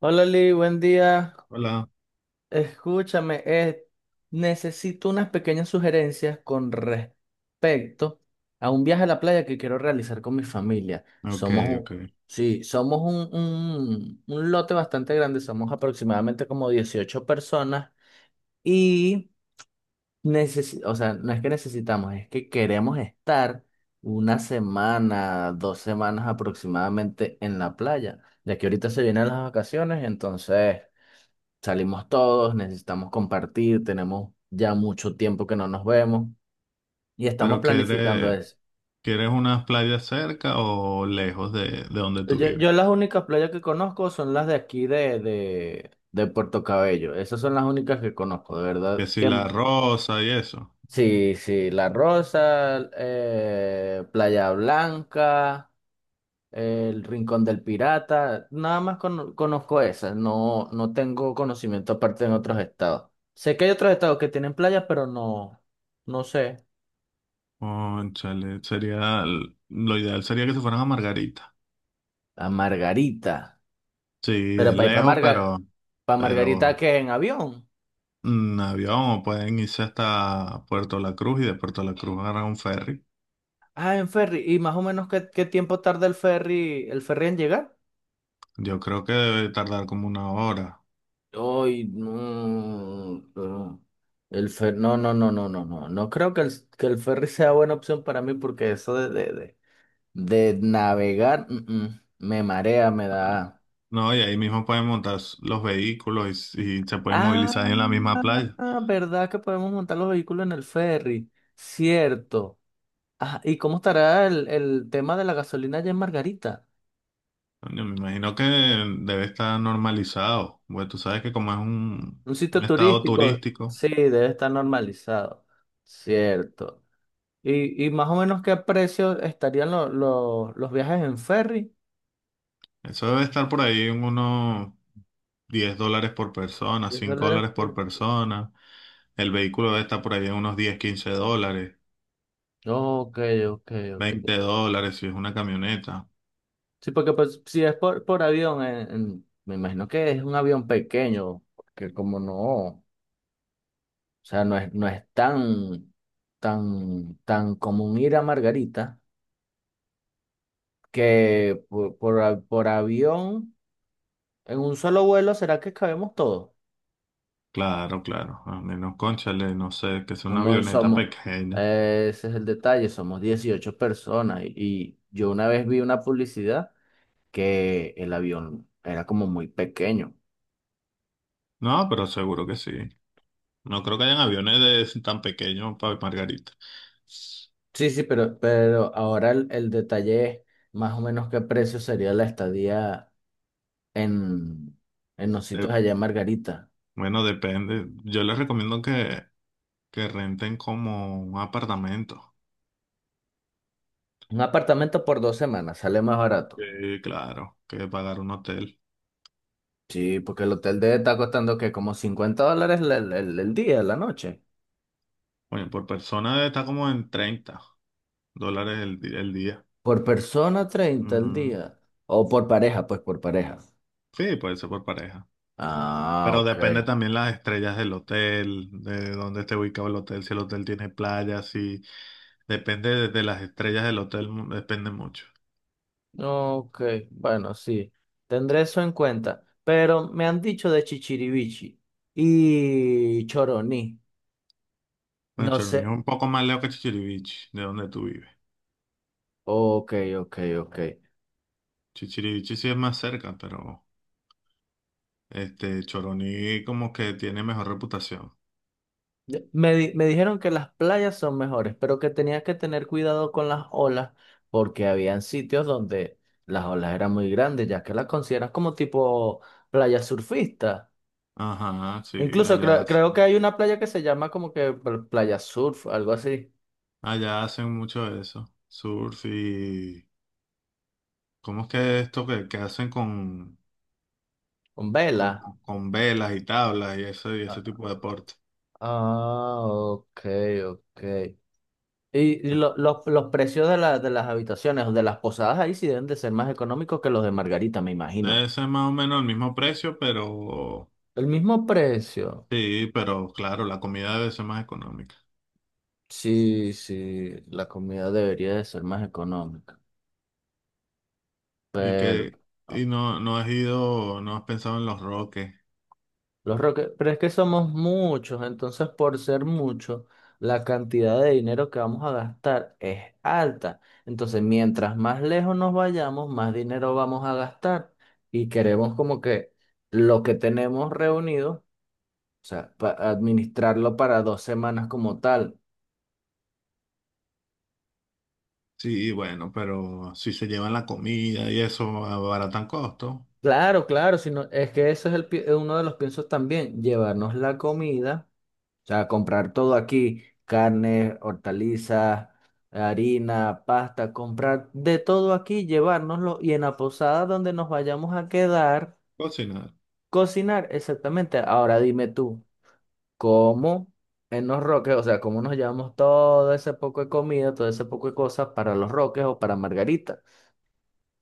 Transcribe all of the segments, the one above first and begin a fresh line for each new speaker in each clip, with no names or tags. Hola Lee, buen día.
Hola.
Escúchame, necesito unas pequeñas sugerencias con respecto a un viaje a la playa que quiero realizar con mi familia.
Ok,
Somos un,
ok.
sí, somos un lote bastante grande, somos aproximadamente como 18 personas y o sea, no es que necesitamos, es que queremos estar una semana, 2 semanas aproximadamente en la playa, ya que ahorita se vienen las vacaciones, entonces. Salimos todos, necesitamos compartir, tenemos ya mucho tiempo que no nos vemos y estamos
¿Pero
planificando
quieres,
eso.
quieres unas playas cerca o lejos de donde tú
Yo,
vives?
yo las únicas playas que conozco son las de aquí de Puerto Cabello. Esas son las únicas que conozco, de verdad
Que si
que
La Rosa y eso.
sí, sí, La Rosa, Playa Blanca, el Rincón del Pirata, nada más conozco esas, no, no tengo conocimiento aparte en otros estados. Sé que hay otros estados que tienen playas, pero no, no sé.
Cónchale, lo ideal sería que se fueran a Margarita.
A Margarita.
Sí,
Pero
es
para ir para
lejos,
Margar
pero,
para Margarita,
pero
¿qué? ¿En avión?
en avión o pueden irse hasta Puerto La Cruz y de Puerto La Cruz agarrar un ferry.
Ah, en ferry. ¿Y más o menos qué tiempo tarda el ferry en llegar?
Yo creo que debe tardar como una hora.
Ay, no. Pero El fer no, no, no, no, no, no. No creo que que el ferry sea buena opción para mí porque eso de navegar, me marea, me da.
No, y ahí mismo pueden montar los vehículos y se pueden
Ah,
movilizar en la misma playa.
¿verdad que podemos montar los vehículos en el ferry? Cierto. Ajá, ¿y cómo estará el tema de la gasolina allá en Margarita?
Coño, me imagino que debe estar normalizado. Bueno, tú sabes que como es un,
Un
un
sitio
estado
turístico,
turístico,
sí, debe estar normalizado, cierto. ¿Y más o menos qué precio estarían los viajes en ferry?
eso debe estar por ahí en unos $10 por persona,
diez
5
dólares
dólares por
por.
persona. El vehículo debe estar por ahí en unos 10, $15,
Ok, ok, ok.
$20 si es una camioneta.
Sí, porque pues, si es por avión, me imagino que es un avión pequeño, que como no, o sea, no es tan, común ir a Margarita. Que por avión, en un solo vuelo, ¿será que cabemos todos?
Claro, claro. A menos, cónchale, no sé, que sea una
Somos,
avioneta
somos,
pequeña.
ese es el detalle, somos 18 personas y yo una vez vi una publicidad que el avión era como muy pequeño.
No, pero seguro que sí. No creo que hayan aviones de, tan pequeños para Margarita.
Sí, sí, pero ahora el detalle es más o menos qué precio sería la estadía en, en los
Eh,
sitios allá en Margarita.
Bueno, depende. Yo les recomiendo que renten como un apartamento.
Un apartamento por 2 semanas sale más barato.
Sí, claro, que pagar un hotel.
Sí, porque el hotel debe estar costando que como $50 el día, la noche.
Bueno, por persona está como en $30 el, el día.
Por persona 30 el
Ujú.
día. O por pareja, pues por pareja.
Sí, puede ser por pareja.
Ah,
Pero
ok.
depende también las estrellas del hotel, de dónde esté ubicado el hotel, si el hotel tiene playa, si... Depende de las estrellas del hotel, depende mucho.
Ok, bueno, sí. Tendré eso en cuenta. Pero me han dicho de Chichiribichi y Choroní.
Bueno,
No
Choroní
sé.
es un poco más lejos que Chichiriviche, de donde tú vives.
Ok, ok, ok.
Chichiriviche sí es más cerca, pero... Este, Choroní como que tiene mejor reputación.
Me me dijeron que las playas son mejores, pero que tenías que tener cuidado con las olas porque habían sitios donde las olas eran muy grandes, ya que las consideras como tipo playa surfista.
Ajá, sí,
Incluso
allá,
creo que
hacen-
hay una playa que se llama como que playa surf, algo así,
allá hacen mucho de eso. Surf y... ¿Cómo es que esto que hacen con,
con
con,
vela.
con velas y tablas y ese
Ah,
tipo de deporte?
ah, ok, ok. Y los precios de las habitaciones o de las posadas ahí sí deben de ser más económicos que los de Margarita, me imagino.
Debe ser más o menos el mismo precio, pero...
El mismo precio.
Sí, pero claro, la comida debe ser más económica.
Sí, sí, la comida debería de ser más económica.
Y
Pero
que...
ah,
Y no has pensado en los roques.
los roques, pero es que somos muchos, entonces por ser muchos, la cantidad de dinero que vamos a gastar es alta. Entonces, mientras más lejos nos vayamos, más dinero vamos a gastar y queremos como que lo que tenemos reunido, o sea, administrarlo para 2 semanas como tal.
Sí, bueno, pero si se llevan la comida y eso, abaratan costo.
Claro, claro, sino es que eso es uno de los piensos también, llevarnos la comida. O sea, comprar todo aquí, carne, hortalizas, harina, pasta, comprar de todo aquí, llevárnoslo y en la posada donde nos vayamos a quedar,
Cocinar.
cocinar exactamente. Ahora dime tú, ¿cómo en los roques, o sea, cómo nos llevamos todo ese poco de comida, todo ese poco de cosas para los roques o para Margarita?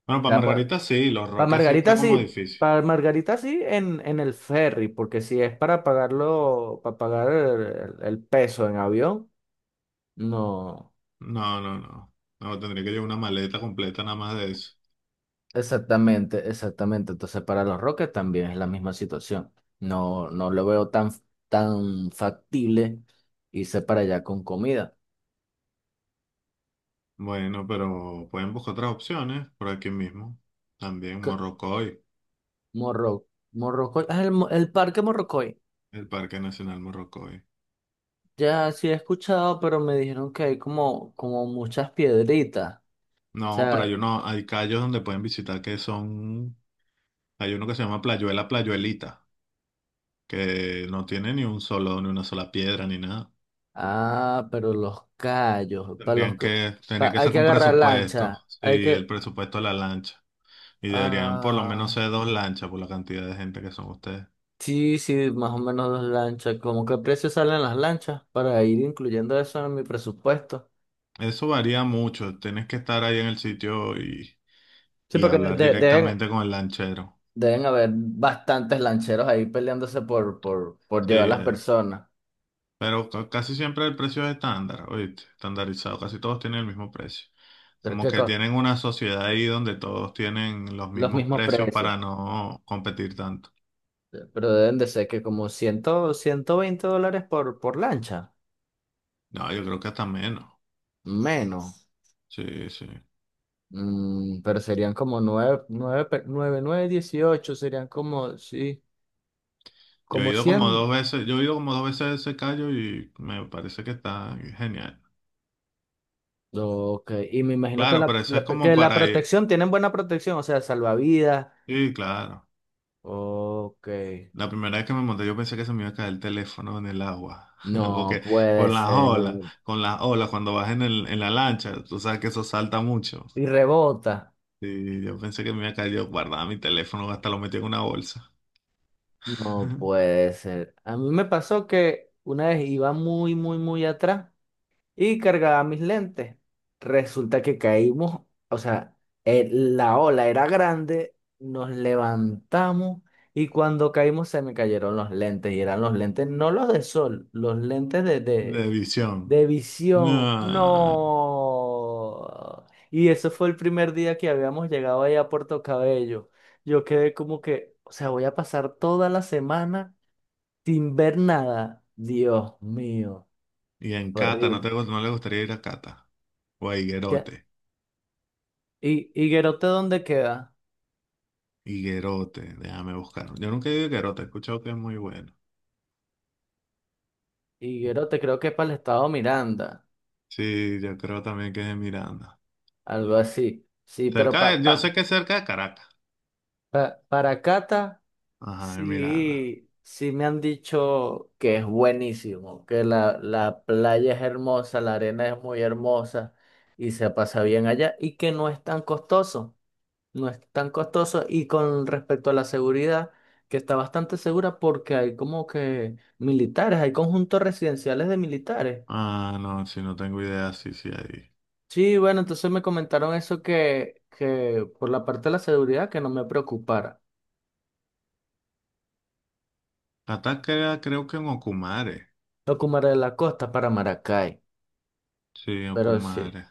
Bueno,
O
para
sea, pues,
Margarita sí, los
para
Roques sí está
Margarita
como
sí.
difícil.
Para Margarita sí en el ferry, porque si es para pagarlo, para pagar el peso en avión, no.
No, no, no. No, tendría que llevar una maleta completa nada más de eso.
Exactamente, exactamente. Entonces, para los Rockets también es la misma situación. No, no lo veo tan factible irse para allá con comida.
Bueno, pero pueden buscar otras opciones por aquí mismo. También
Que-
Morrocoy,
Morro, Morrocoy, el parque Morrocoy.
el Parque Nacional Morrocoy.
Ya sí he escuchado, pero me dijeron que hay como muchas piedritas. O
No, pero hay
sea,
uno, hay callos donde pueden visitar hay uno que se llama Playuela Playuelita, que no tiene ni un solo, ni una sola piedra, ni nada.
pero los callos, para los, ca-
Tenía
pa-
que
hay
sacar
que
un
agarrar
presupuesto,
lancha,
sí, el presupuesto de la lancha. Y deberían por lo menos
ah,
ser dos lanchas por la cantidad de gente que son ustedes.
Sí, sí, más o menos 2 lanchas. ¿Cómo qué precio salen las lanchas para ir incluyendo eso en mi presupuesto?
Eso varía mucho. Tienes que estar ahí en el sitio
Sí,
y
porque
hablar directamente con el lanchero.
Deben haber bastantes lancheros ahí peleándose por
Sí,
llevar las personas.
pero casi siempre el precio es estándar, ¿oíste? Estandarizado. Casi todos tienen el mismo precio.
Pero es
Como
que
que tienen una sociedad ahí donde todos tienen los
los
mismos
mismos
precios
precios.
para no competir tanto.
Pero deben de ser que como 100, $120 por lancha.
No, yo creo que hasta menos.
Menos.
Sí, sí.
Pero serían como 9 9 9 9 18. Serían como, sí, como 100.
Yo he ido como dos veces a ese callo y me parece que está genial.
Ok, y me imagino que
Claro, pero eso es como
que la
para ir.
protección, tienen buena protección, o sea, salvavidas.
Sí, claro.
Ok,
La primera vez que me monté, yo pensé que se me iba a caer el teléfono en el agua.
no
Porque
puede ser.
con las olas, cuando vas en el, en la lancha, tú sabes que eso salta mucho.
Y rebota,
Y yo pensé que me iba a caer, yo guardaba mi teléfono, hasta lo metí en una bolsa.
no puede ser. A mí me pasó que una vez iba muy, muy, muy atrás y cargaba mis lentes. Resulta que caímos, o sea, la ola era grande, nos levantamos y cuando caímos se me cayeron los lentes y eran los lentes, no los de sol, los lentes de de
De visión.
De visión,
No.
no. Y eso fue el primer día que habíamos llegado ahí a Puerto Cabello. Yo quedé como que, o sea, voy a pasar toda la semana sin ver nada. Dios mío,
Y en Cata,
horrible.
no le gustaría ir a Cata? O a
¿Qué-
Higuerote.
¿Y Higuerote dónde queda?
Higuerote, déjame buscar. Yo nunca he ido a Higuerote, he escuchado que es muy bueno.
Higuerote creo que es para el estado Miranda,
Sí, yo creo también que es de Miranda.
algo así. Sí, pero
Cerca de, yo sé que es cerca de Caracas.
para Cata.
Ajá, en Miranda.
Sí, sí me han dicho que es buenísimo, que la playa es hermosa, la arena es muy hermosa y se pasa bien allá y que no es tan costoso, no es tan costoso y con respecto a la seguridad, que está bastante segura porque hay como que militares, hay conjuntos residenciales de militares.
Ah, no, si no tengo idea, sí, sí, ahí.
Sí, bueno, entonces me comentaron eso que por la parte de la seguridad que no me preocupara.
Caracas creo que en Ocumare.
Lo que me haré de la costa para Maracay,
Sí,
pero sí.
Ocumare.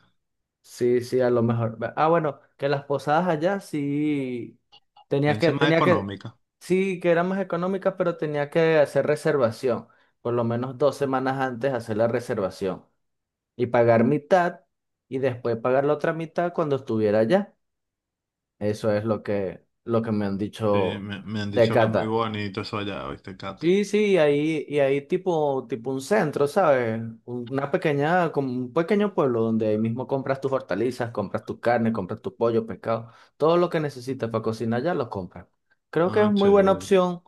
Sí, sí, a lo mejor. Ah, bueno, que las posadas allá sí tenía
Es
que,
más
tenía que,
económica.
sí que eran más económicas, pero tenía que hacer reservación. Por lo menos 2 semanas antes hacer la reservación. Y pagar mitad y después pagar la otra mitad cuando estuviera allá. Eso es lo que me han
Sí,
dicho
me han
de
dicho que es muy
Cata.
bonito eso allá, ¿viste, Cata?
Sí, sí, y ahí tipo un centro, ¿sabes? Una pequeña, como un pequeño pueblo donde ahí mismo compras tus hortalizas, compras tu carne, compras tu pollo, pescado, todo lo que necesitas para cocinar ya lo compras. Creo que es
Ah,
muy buena
chévere.
opción,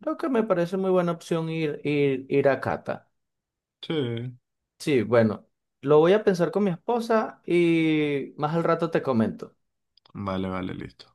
creo que me parece muy buena opción ir a Cata.
Sí.
Sí, bueno, lo voy a pensar con mi esposa y más al rato te comento.
Vale, vale, listo.